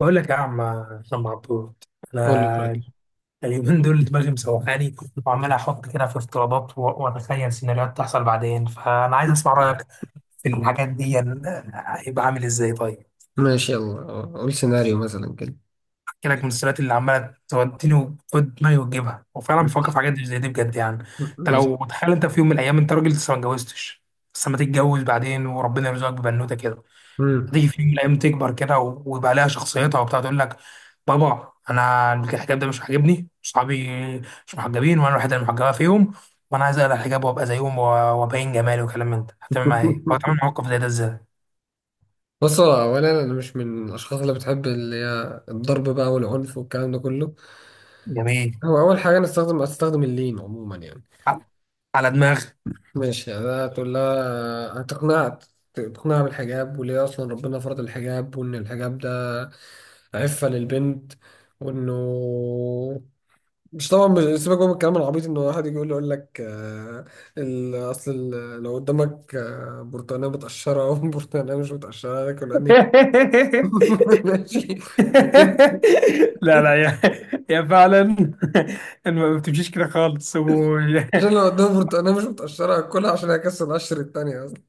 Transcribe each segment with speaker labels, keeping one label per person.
Speaker 1: بقول لك يا عم عم عبود،
Speaker 2: قول لي قول
Speaker 1: انا
Speaker 2: لي.
Speaker 1: اليومين دول دماغي مسوحاني، وعمال احط كده في افتراضات واتخيل سيناريوهات تحصل بعدين، فانا عايز اسمع رايك في الحاجات دي يعني. هيبقى عامل ازاي طيب؟
Speaker 2: ماشي يلا، قول سيناريو مثلا كده.
Speaker 1: احكي لك من السيناريوهات اللي عماله توديني وتود دماغي وتجيبها، وفعلا بفكر
Speaker 2: ماشي
Speaker 1: في حاجات زي دي بجد يعني. انت
Speaker 2: ماشي.
Speaker 1: لو تخيل انت في يوم من الايام، انت راجل لسه ما اتجوزتش، بس لما تتجوز بعدين وربنا يرزقك ببنوته كده،
Speaker 2: مم.
Speaker 1: هتيجي في يوم من الايام تكبر كده ويبقى لها شخصيتها وبتاع، تقول لك: بابا انا الحجاب ده مش عاجبني، صحابي مش محجبين وانا الوحيده اللي محجبه فيهم، وانا عايز اقلع الحجاب وابقى زيهم وابين جمالي وكلام من ده. هتعمل معايا ايه؟ او تعمل موقف زي ده ازاي؟
Speaker 2: بص، هو اولا انا مش من الاشخاص اللي بتحب اللي هي الضرب بقى والعنف والكلام ده كله.
Speaker 1: جميل.
Speaker 2: هو اول حاجه، انا استخدم اللين عموما يعني.
Speaker 1: ع- على دماغ.
Speaker 2: ماشي، ده تقول لها. تقنعها بالحجاب، وليه اصلا ربنا فرض الحجاب، وان الحجاب ده عفه للبنت، وانه مش طبعا، مش سيبك بقى من الكلام العبيط ان واحد يجي يقول لك، اصل لو قدامك، برتقانه متقشره او برتقانه مش متقشره، هتاكل انهي؟ ماشي.
Speaker 1: لا لا يا فعلا. ما بتمشيش كده خالص و...
Speaker 2: عشان لو قدامك برتقانه مش متقشره هاكلها، عشان هكسر القشر التانية اصلا.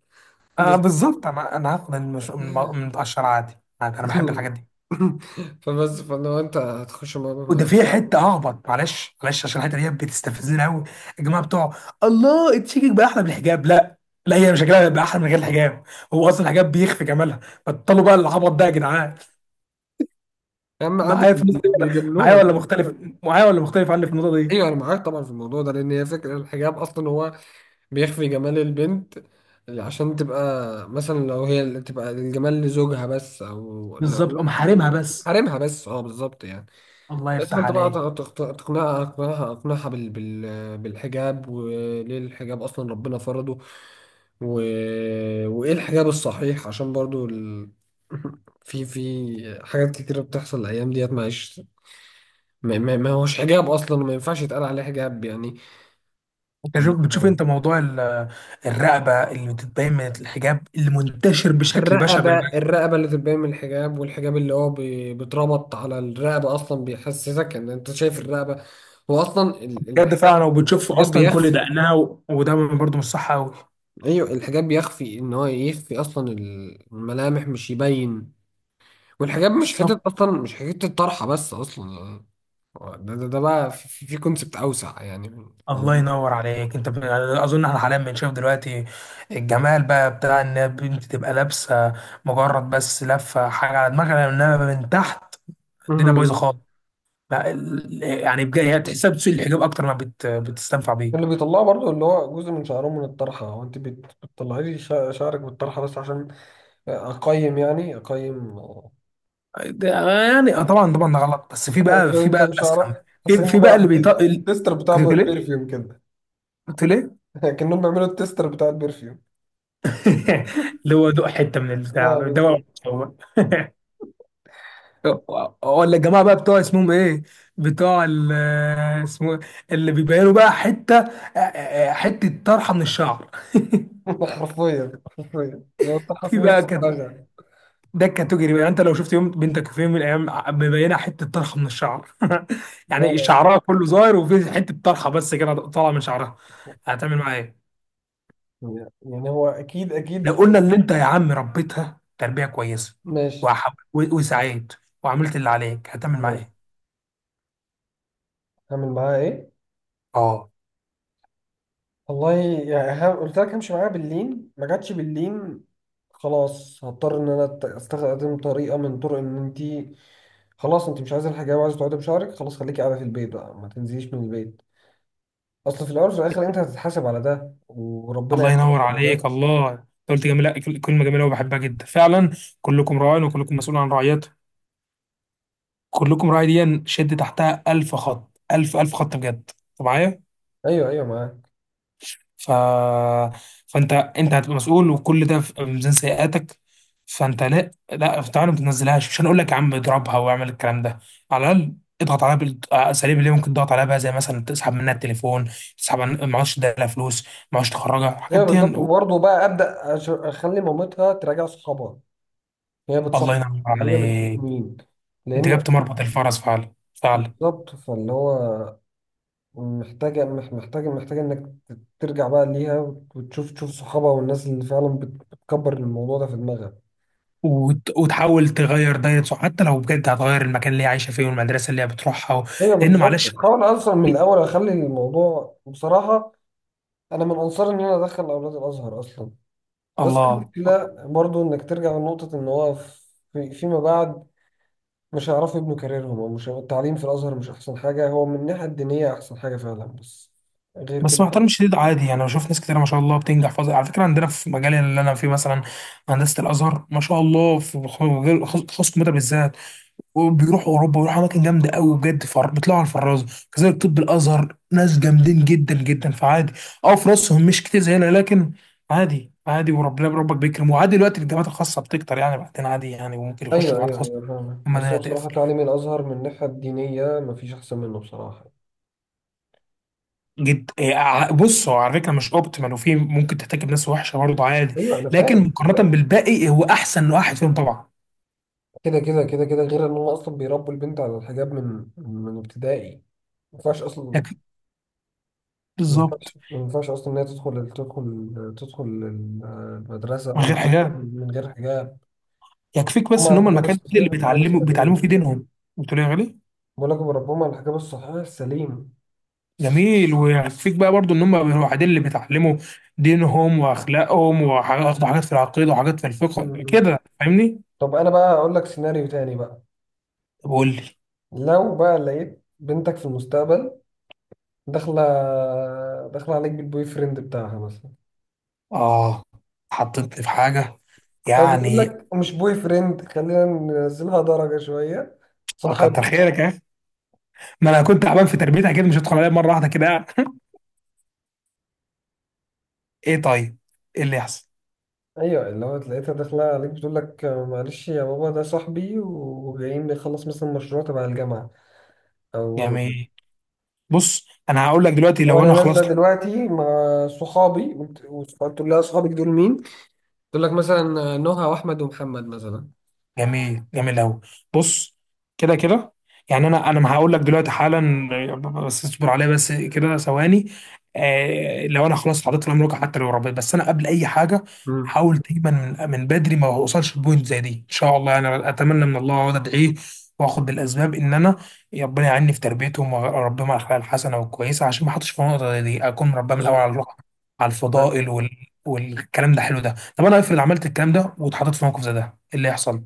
Speaker 1: آه
Speaker 2: بس
Speaker 1: بالظبط. انا هاخد المش... من متقشر عادي. انا بحب الحاجات دي.
Speaker 2: فبس، فلو انت هتخش
Speaker 1: وده
Speaker 2: الموضوع.
Speaker 1: في حته ههبط، معلش معلش عشان الحته دي بتستفزني قوي. يا جماعه بتوع الله، التشيكك بقى احلى من الحجاب؟ لا، لا، هي شكلها بقى احلى من غير الحجاب؟ هو اصلا الحجاب بيخفي جمالها؟ بطلوا بقى العبط ده يا جدعان.
Speaker 2: يا عم عادي،
Speaker 1: معايا في النقطة دي ولا؟ معايا
Speaker 2: بيجاملوها.
Speaker 1: ولا مختلف؟ معايا ولا مختلف عني في النقطه دي؟
Speaker 2: ايوه انا معاك طبعا في الموضوع ده، لان هي فكره الحجاب اصلا هو بيخفي جمال البنت، عشان تبقى مثلا لو هي اللي تبقى الجمال لزوجها بس، او لو
Speaker 1: بالظبط،
Speaker 2: لو
Speaker 1: قوم حارمها بس.
Speaker 2: حارمها بس. اه بالظبط يعني.
Speaker 1: الله
Speaker 2: بس
Speaker 1: يفتح
Speaker 2: فانت بقى
Speaker 1: عليك.
Speaker 2: تق- تق- تقنعها اقنعها اقنعها بالحجاب، وليه الحجاب اصلا ربنا فرضه، و... وايه الحجاب الصحيح، عشان برضو في حاجات كتيرة بتحصل الايام ديت معيش. ما هوش حجاب اصلا، ما ينفعش يتقال عليه حجاب
Speaker 1: انت شوف بتشوف
Speaker 2: يعني.
Speaker 1: انت موضوع الرقبه اللي بتتبين من الحجاب اللي منتشر بشكل بشع
Speaker 2: الرقبة
Speaker 1: بين
Speaker 2: الرقبة اللي تبان من الحجاب، والحجاب اللي هو بيتربط على الرقبة أصلا، بيحسسك إن أنت شايف الرقبة، هو أصلا
Speaker 1: الحجاب ده فعلا،
Speaker 2: الحجاب.
Speaker 1: وبتشوفه
Speaker 2: الحجاب
Speaker 1: اصلا كل
Speaker 2: بيخفي.
Speaker 1: دقنها وده برضه مش صح
Speaker 2: أيوه الحجاب بيخفي، إن هو يخفي أصلا الملامح مش يبين. والحجاب مش
Speaker 1: قوي.
Speaker 2: حتة أصلا، مش حتة طرحة بس أصلا، ده بقى في كونسبت أوسع يعني.
Speaker 1: الله ينور عليك. انت ب... اظن احنا حاليا بنشوف دلوقتي الجمال بقى بتاع ان البنت تبقى لابسه مجرد بس لفه حاجه على دماغها، انما من تحت الدنيا بايظه
Speaker 2: مهم.
Speaker 1: خالص. لا، يعني بجد هي تحسها بتسوق الحجاب اكتر ما بت... بتستنفع
Speaker 2: اللي
Speaker 1: بيه
Speaker 2: بيطلعه برضو، اللي هو جزء من شعرهم من الطرحة، هو انت بتطلعي لي شعرك بالطرحة بس عشان اقيم، يعني اقيم.
Speaker 1: ده. يعني اه طبعا طبعا ده غلط، بس في بقى في
Speaker 2: عارفين
Speaker 1: بقى
Speaker 2: كام
Speaker 1: الاسخم.
Speaker 2: شعرة؟
Speaker 1: في
Speaker 2: حاسين
Speaker 1: في
Speaker 2: هما
Speaker 1: بقى اللي بيطق
Speaker 2: التستر بتاع
Speaker 1: كنت بتقول ايه؟
Speaker 2: بيرفيوم كده.
Speaker 1: كنت بتقول ايه؟
Speaker 2: كأنهم بيعملوا التستر بتاع البرفيوم.
Speaker 1: اللي هو دوق حته من
Speaker 2: اه
Speaker 1: البتاع ده.
Speaker 2: بالظبط.
Speaker 1: هو ولا الجماعه بقى بتوع اسمهم ايه؟ بتوع اسمه إيه؟ اللي بيبينوا بقى حته حته طرحه من الشعر.
Speaker 2: حرفيا حرفيا لو انت
Speaker 1: في
Speaker 2: في
Speaker 1: بقى
Speaker 2: نص
Speaker 1: كان.
Speaker 2: دماغها.
Speaker 1: ده كاتوجري بقى، يعني انت لو شفت يوم بنتك في يوم من الايام مبينه حته طرحه من الشعر
Speaker 2: لا
Speaker 1: يعني
Speaker 2: لا.
Speaker 1: شعرها كله ظاهر وفي حته طرحه بس كده طالعه من شعرها، هتعمل معاها ايه؟
Speaker 2: لا يعني هو اكيد
Speaker 1: لو
Speaker 2: اكيد.
Speaker 1: قلنا ان انت يا عم ربيتها تربيه كويسه،
Speaker 2: ماشي
Speaker 1: وسعيت وعملت اللي عليك، هتعمل معاها
Speaker 2: ماشي.
Speaker 1: ايه؟
Speaker 2: هعمل معاها ايه؟
Speaker 1: اه.
Speaker 2: والله، يعني قلت لك همشي معاها باللين، ما جاتش باللين. خلاص هضطر ان انا استخدم طريقه من طرق، ان انت خلاص انت مش عايزه الحجاب وعايزه تقعدي بشعرك، خلاص خليكي قاعده في البيت بقى، ما تنزليش من البيت. اصل في الاول وفي الاخر انت هتتحاسب على ده، وربنا
Speaker 1: الله
Speaker 2: يعلم
Speaker 1: ينور
Speaker 2: على
Speaker 1: عليك.
Speaker 2: ده.
Speaker 1: الله، انت قلت جميله، كلمه جميله وبحبها جدا فعلا. كلكم راع وكلكم مسؤول عن رعيته. كلكم راعي، دي شد تحتها ألف خط، ألف خط بجد. انت معايا؟
Speaker 2: ايوه ايوه، معاك.
Speaker 1: ف... فانت انت هتبقى مسؤول، وكل ده في ميزان سيئاتك. فانت، لا لا، تعالى، ما تنزلهاش، مش هنقول لك يا عم اضربها واعمل الكلام ده، على الاقل اضغط عليها بالاساليب اللي ممكن تضغط عليها بقى، زي مثلا تسحب منها التليفون، تسحب معهاش، تديها فلوس معهاش، تخرجها الحاجات
Speaker 2: ايوه
Speaker 1: دي.
Speaker 2: بالظبط، وبرضه بقى ابدا اخلي مامتها تراجع صحابها. هي
Speaker 1: الله
Speaker 2: بتصاحب
Speaker 1: ينور
Speaker 2: مين، هي بتشوف
Speaker 1: عليك،
Speaker 2: مين؟
Speaker 1: انت
Speaker 2: لان
Speaker 1: جبت مربط الفرس فعلا فعلا.
Speaker 2: بالظبط، فاللي هو محتاجه مح- محتاجه محتاجه انك ترجع بقى ليها، وتشوف صحابها، والناس اللي فعلا بتكبر الموضوع ده في دماغها.
Speaker 1: وتحاول تغير دايرة صح، حتى لو بجد هتغير المكان اللي هي عايشه فيه والمدرسه اللي هي بتروحها و...
Speaker 2: ايوه
Speaker 1: لان
Speaker 2: بالظبط،
Speaker 1: معلش.
Speaker 2: بحاول اصلا من الاول اخلي الموضوع بصراحه. انا من انصار ان انا ادخل اولاد الازهر اصلا. بس
Speaker 1: الله.
Speaker 2: المشكلة برضو إنك ترجع لنقطة إن هو فيما بعد مش هيعرفوا يبنوا كاريرهم، أو مش التعليم في الأزهر مش أحسن حاجة، هو من الناحية الدينية أحسن حاجة فعلا بس غير
Speaker 1: بس مع
Speaker 2: كده.
Speaker 1: احترامي الشديد عادي يعني، بشوف ناس كتير ما شاء الله بتنجح فظ... على فكره عندنا في مجالي اللي انا فيه، مثلا هندسه الازهر، ما شاء الله، في خصوص الكمبيوتر بالذات، وبيروحوا اوروبا ويروحوا اماكن جامده قوي بجد، بيطلعوا على الفرازه. كذلك طب الازهر ناس جامدين جدا جدا، فعادي. اه فلوسهم مش كتير زينا، لكن عادي عادي، وربنا ربك بيكرم، وعادي دلوقتي الجامعات الخاصه بتكتر يعني، بعدين عادي يعني، وممكن يخش
Speaker 2: أيوه
Speaker 1: جامعات
Speaker 2: أيوه
Speaker 1: خاصه.
Speaker 2: أيوه فاهمك،
Speaker 1: اما
Speaker 2: بس
Speaker 1: ده
Speaker 2: هو
Speaker 1: هتقفل.
Speaker 2: بصراحة تعليم الأزهر من الناحية الدينية مفيش أحسن منه بصراحة.
Speaker 1: جد إيه، بص هو على فكره مش اوبتيمال، وفي ممكن تحتاج بناس وحشه برضه عادي،
Speaker 2: أيوه أنا
Speaker 1: لكن
Speaker 2: فاهم، أنا
Speaker 1: مقارنه
Speaker 2: فاهم.
Speaker 1: بالباقي إيه، هو احسن واحد فيهم طبعا.
Speaker 2: كده كده كده كده، غير إن هم أصلا بيربوا البنت على الحجاب من ابتدائي، ما ينفعش أصلا.
Speaker 1: يكفيك.
Speaker 2: ما
Speaker 1: بالظبط.
Speaker 2: ينفعش، ما ينفعش أصلا إن هي تدخل المدرسة
Speaker 1: من غير
Speaker 2: أو
Speaker 1: حجاب.
Speaker 2: من غير حجاب.
Speaker 1: يكفيك
Speaker 2: هم
Speaker 1: بس ان
Speaker 2: على
Speaker 1: هم
Speaker 2: الحجاب
Speaker 1: المكان
Speaker 2: الصحيح
Speaker 1: اللي
Speaker 2: والحجاب
Speaker 1: بيتعلموا
Speaker 2: السليم.
Speaker 1: فيه دينهم. بتقول إيه يا غالي؟
Speaker 2: بقول لك بربهم على الحجاب الصحيح السليم.
Speaker 1: جميل، ويكفيك بقى برضو ان هم الوحيدين اللي بيتعلموا دينهم واخلاقهم، وحاجات في العقيده وحاجات في
Speaker 2: م-
Speaker 1: الفقه
Speaker 2: م.
Speaker 1: كده، فاهمني؟
Speaker 2: طب انا بقى اقول لك سيناريو تاني بقى.
Speaker 1: طب قول لي.
Speaker 2: لو بقى لقيت بنتك في المستقبل، داخله داخله عليك بالبوي فريند بتاعها مثلا.
Speaker 1: اه. حطيتني في حاجه
Speaker 2: او بتقول
Speaker 1: يعني.
Speaker 2: لك مش بوي فريند، خلينا ننزلها درجه شويه،
Speaker 1: كتر
Speaker 2: صاحب.
Speaker 1: خيرك يا اخي، ما انا كنت تعبان في تربيتها كده، مش هدخل عليها مره واحده كده. ايه طيب؟ ايه اللي يحصل
Speaker 2: ايوه، اللي هو لقيتها داخله عليك بتقول لك: معلش يا بابا ده صاحبي، وجايين نخلص مثلا مشروع تبع الجامعه. او
Speaker 1: يعني؟ بص انا هقول لك دلوقتي
Speaker 2: هو
Speaker 1: لو
Speaker 2: انا
Speaker 1: انا خلاص.
Speaker 2: نازله دلوقتي مع صحابي. قلت لها: صحابك دول مين؟ تقول لك مثلا نهى واحمد ومحمد مثلا.
Speaker 1: جميل جميل قوي. بص، كده كده، يعني انا ما هقول لك دلوقتي حالا، بس اصبر عليا بس كده ثواني. آه، لو انا خلاص حطيت الامر واقع، حتى لو ربيت، بس انا قبل اي حاجه
Speaker 2: امم
Speaker 1: حاول دايما من بدري ما اوصلش لبوينت زي دي. ان شاء الله انا اتمنى من الله واقعد ادعيه واخد بالاسباب، ان انا ربنا يعيني في تربيتهم واربيهم على الاخلاق الحسنه والكويسه، عشان ما احطش في النقطه زي دي، اكون مربيهم من الاول
Speaker 2: بالظبط.
Speaker 1: على الروح، على الفضائل وال... والكلام ده حلو ده. طب انا افرض عملت الكلام ده واتحطيت في موقف زي ده، إيه اللي يحصل؟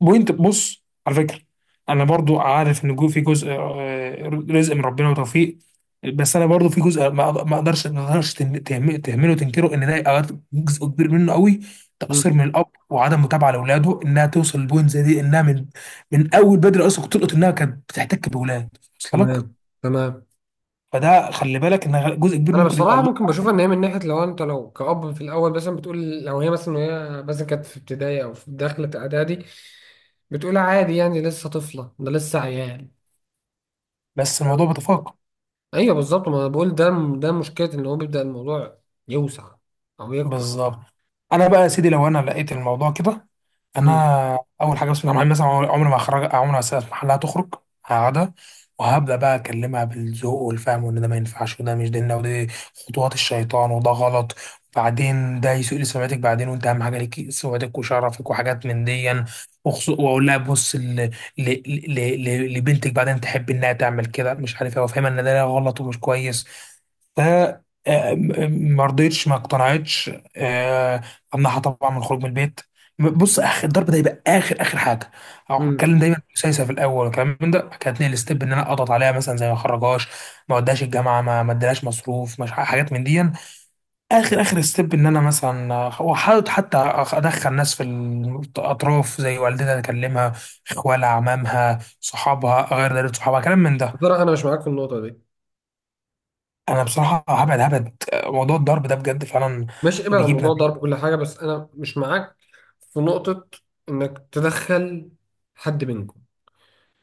Speaker 1: بوينت، بص على فكره، انا برضو عارف ان في جزء رزق من ربنا وتوفيق، بس انا برضو في جزء ما ما اقدرش ما اقدرش تهمله وتنكره، ان ده أوقات جزء كبير منه قوي تقصير
Speaker 2: امم،
Speaker 1: من الاب وعدم متابعه لاولاده، انها توصل لبوينت زي دي، انها من اول بدري اصلا كنت تلقط انها كانت بتحتك باولاد، وصل لك؟
Speaker 2: تمام تمام.
Speaker 1: فده خلي بالك، ان جزء كبير
Speaker 2: انا
Speaker 1: ممكن يبقى
Speaker 2: بصراحه
Speaker 1: الله.
Speaker 2: ممكن بشوف ان هي من ناحيه، لو كأب في الاول مثلا بتقول، لو هي مثلا وهي مثلا كانت في ابتدائي او في داخله اعدادي، بتقول عادي يعني لسه طفله، ده لسه عيال.
Speaker 1: بس الموضوع بيتفاقم.
Speaker 2: ايوه بالظبط، ما انا بقول ده، ده مشكله ان هو بيبدا الموضوع يوسع او يكبر.
Speaker 1: بالظبط. انا بقى يا سيدي لو انا لقيت الموضوع كده، انا
Speaker 2: امم.
Speaker 1: اول حاجه بسم الله الرحمن الرحيم، مثلا عمري ما هخرج، عمري ما هسيب محلها تخرج، هقعدها، وهبدا بقى اكلمها بالذوق والفهم، وان ده ما ينفعش، وده مش ديننا، ودي خطوات الشيطان، وده غلط، بعدين ده يسوء لسمعتك بعدين، وانت اهم حاجه ليك سمعتك وشرفك وحاجات من دي. واقول لها بص لبنتك بعدين تحب انها تعمل كده مش عارف ايه، وافهمها ان ده غلط ومش كويس. ف ما رضيتش، ما اقتنعتش، آه، امنعها طبعا من الخروج من البيت. بص اخر الضرب ده يبقى اخر اخر حاجه، او
Speaker 2: امم.
Speaker 1: اتكلم دايما سايسه في الاول والكلام من ده، بعد كده اتنقل ستيب ان انا اضغط عليها، مثلا زي ما اخرجهاش، ما اوديهاش الجامعه، ما اديلهاش مصروف، مش حاجات من دي. اخر اخر ستيب ان انا مثلا واحاول حتى ادخل ناس في الاطراف زي والدتها، اكلمها، اخوالها، عمامها، صحابها، غير دايره صحابها، كلام من ده.
Speaker 2: بصراحه انا مش معاك في النقطه دي.
Speaker 1: انا بصراحه هبعد هبعد موضوع الضرب ده بجد فعلا
Speaker 2: ماشي، ابعد عن
Speaker 1: بيجيب
Speaker 2: موضوع
Speaker 1: نتيجه.
Speaker 2: الضرب كل حاجة، بس أنا مش معاك في نقطة إنك تدخل حد منكم.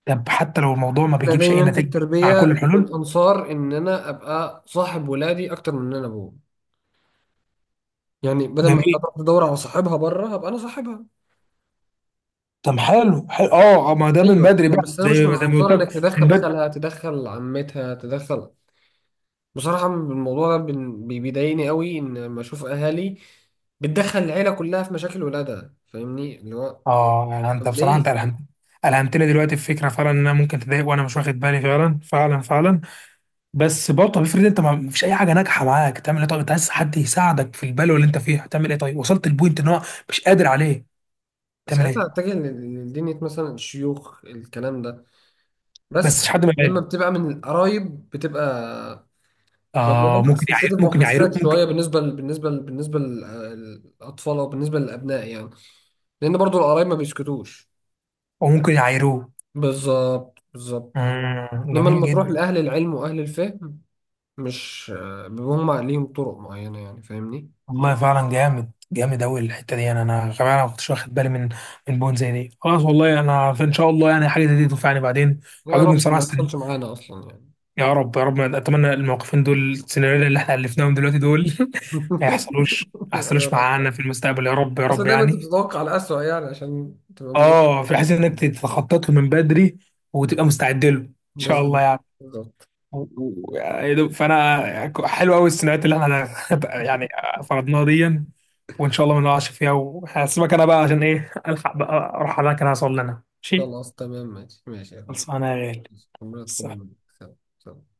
Speaker 1: طب حتى لو الموضوع ما
Speaker 2: أنا
Speaker 1: بيجيبش اي
Speaker 2: دايما في
Speaker 1: نتيجه؟ مع كل
Speaker 2: التربية
Speaker 1: الحلول.
Speaker 2: من أنصار إن أنا أبقى صاحب ولادي أكتر من إن أنا أبوه، يعني بدل ما هي
Speaker 1: جميل.
Speaker 2: تروح تدور على صاحبها بره، هبقى أنا صاحبها.
Speaker 1: طب حلو حلو اه، ما ده من
Speaker 2: أيوه
Speaker 1: بدري
Speaker 2: أنا،
Speaker 1: بقى،
Speaker 2: بس أنا مش
Speaker 1: زي
Speaker 2: من
Speaker 1: ما زي ما
Speaker 2: أنصار
Speaker 1: قلت لك،
Speaker 2: إنك
Speaker 1: من
Speaker 2: تدخل
Speaker 1: بدري.
Speaker 2: خالها، تدخل عمتها، تدخل. بصراحة الموضوع ده بيضايقني قوي، إن لما أشوف أهالي بتدخل العيلة كلها في مشاكل ولادها، فاهمني اللي هو.
Speaker 1: اه، يعني انت
Speaker 2: طب
Speaker 1: بصراحه انت
Speaker 2: ليه؟
Speaker 1: الهمت، الهمت لي دلوقتي الفكره فعلا، ان انا ممكن تضايق وانا مش واخد بالي، فعلا فعلا فعلا. بس برضه طب افرض انت ما فيش اي حاجه ناجحه معاك، تعمل ايه طيب؟ انت عايز حد يساعدك في البلوه اللي انت فيها، تعمل ايه طيب؟ وصلت البوينت ان هو مش قادر عليه، تعمل
Speaker 2: ساعتها
Speaker 1: ايه؟
Speaker 2: اتجه لدينية، مثلا الشيوخ الكلام ده
Speaker 1: بس
Speaker 2: بس.
Speaker 1: مش حد من
Speaker 2: لما
Speaker 1: العيله.
Speaker 2: بتبقى من القرايب بتبقى، بيبقى الموضوع
Speaker 1: اه، ممكن يعير،
Speaker 2: سنسيتيف
Speaker 1: ممكن يعير،
Speaker 2: وحساس
Speaker 1: ممكن،
Speaker 2: شويه، بالنسبه للاطفال او بالنسبه للابناء يعني، لان برضو القرايب ما بيسكتوش.
Speaker 1: او ممكن يعيروه.
Speaker 2: بالظبط بالظبط.
Speaker 1: امم،
Speaker 2: انما
Speaker 1: جميل
Speaker 2: لما تروح
Speaker 1: جدا.
Speaker 2: لاهل العلم واهل الفهم، مش بيبقوا هم ليهم طرق معينه يعني، فاهمني.
Speaker 1: والله فعلا جامد جامد أوي الحتة دي يعني، أنا كمان ما كنتش واخد بالي من بون زي دي. خلاص، والله أنا في إن شاء الله يعني حاجة زي دي تنفعني بعدين.
Speaker 2: يا
Speaker 1: وعجبني
Speaker 2: رب
Speaker 1: بصراحة
Speaker 2: ما يحصلش معانا اصلا يعني.
Speaker 1: يا رب يا رب، أتمنى الموقفين دول، السيناريو اللي إحنا ألفناهم دلوقتي دول ما يحصلوش، ما
Speaker 2: يا
Speaker 1: يحصلوش
Speaker 2: رب.
Speaker 1: معانا في المستقبل، يا رب يا
Speaker 2: بس
Speaker 1: رب
Speaker 2: دايما انت
Speaker 1: يعني.
Speaker 2: بتتوقع الأسوأ يعني عشان تبقى.
Speaker 1: آه في حيث إنك تتخطط له من بدري وتبقى مستعد له إن شاء الله
Speaker 2: بالظبط
Speaker 1: يعني.
Speaker 2: بالظبط.
Speaker 1: فانا حلو قوي السيناريوهات اللي احنا يعني فرضناها دي، وان شاء الله ما نقعش فيها. وهسيبك انا بقى عشان ايه، الحق بقى اروح على المكان، هوصل لنا، ماشي؟
Speaker 2: خلاص تمام، ماشي ماشي يا اخويا.
Speaker 1: خلصانه يا غالي،
Speaker 2: ماشي. ربنا
Speaker 1: بس.
Speaker 2: يتقبل منك، سلام سلام.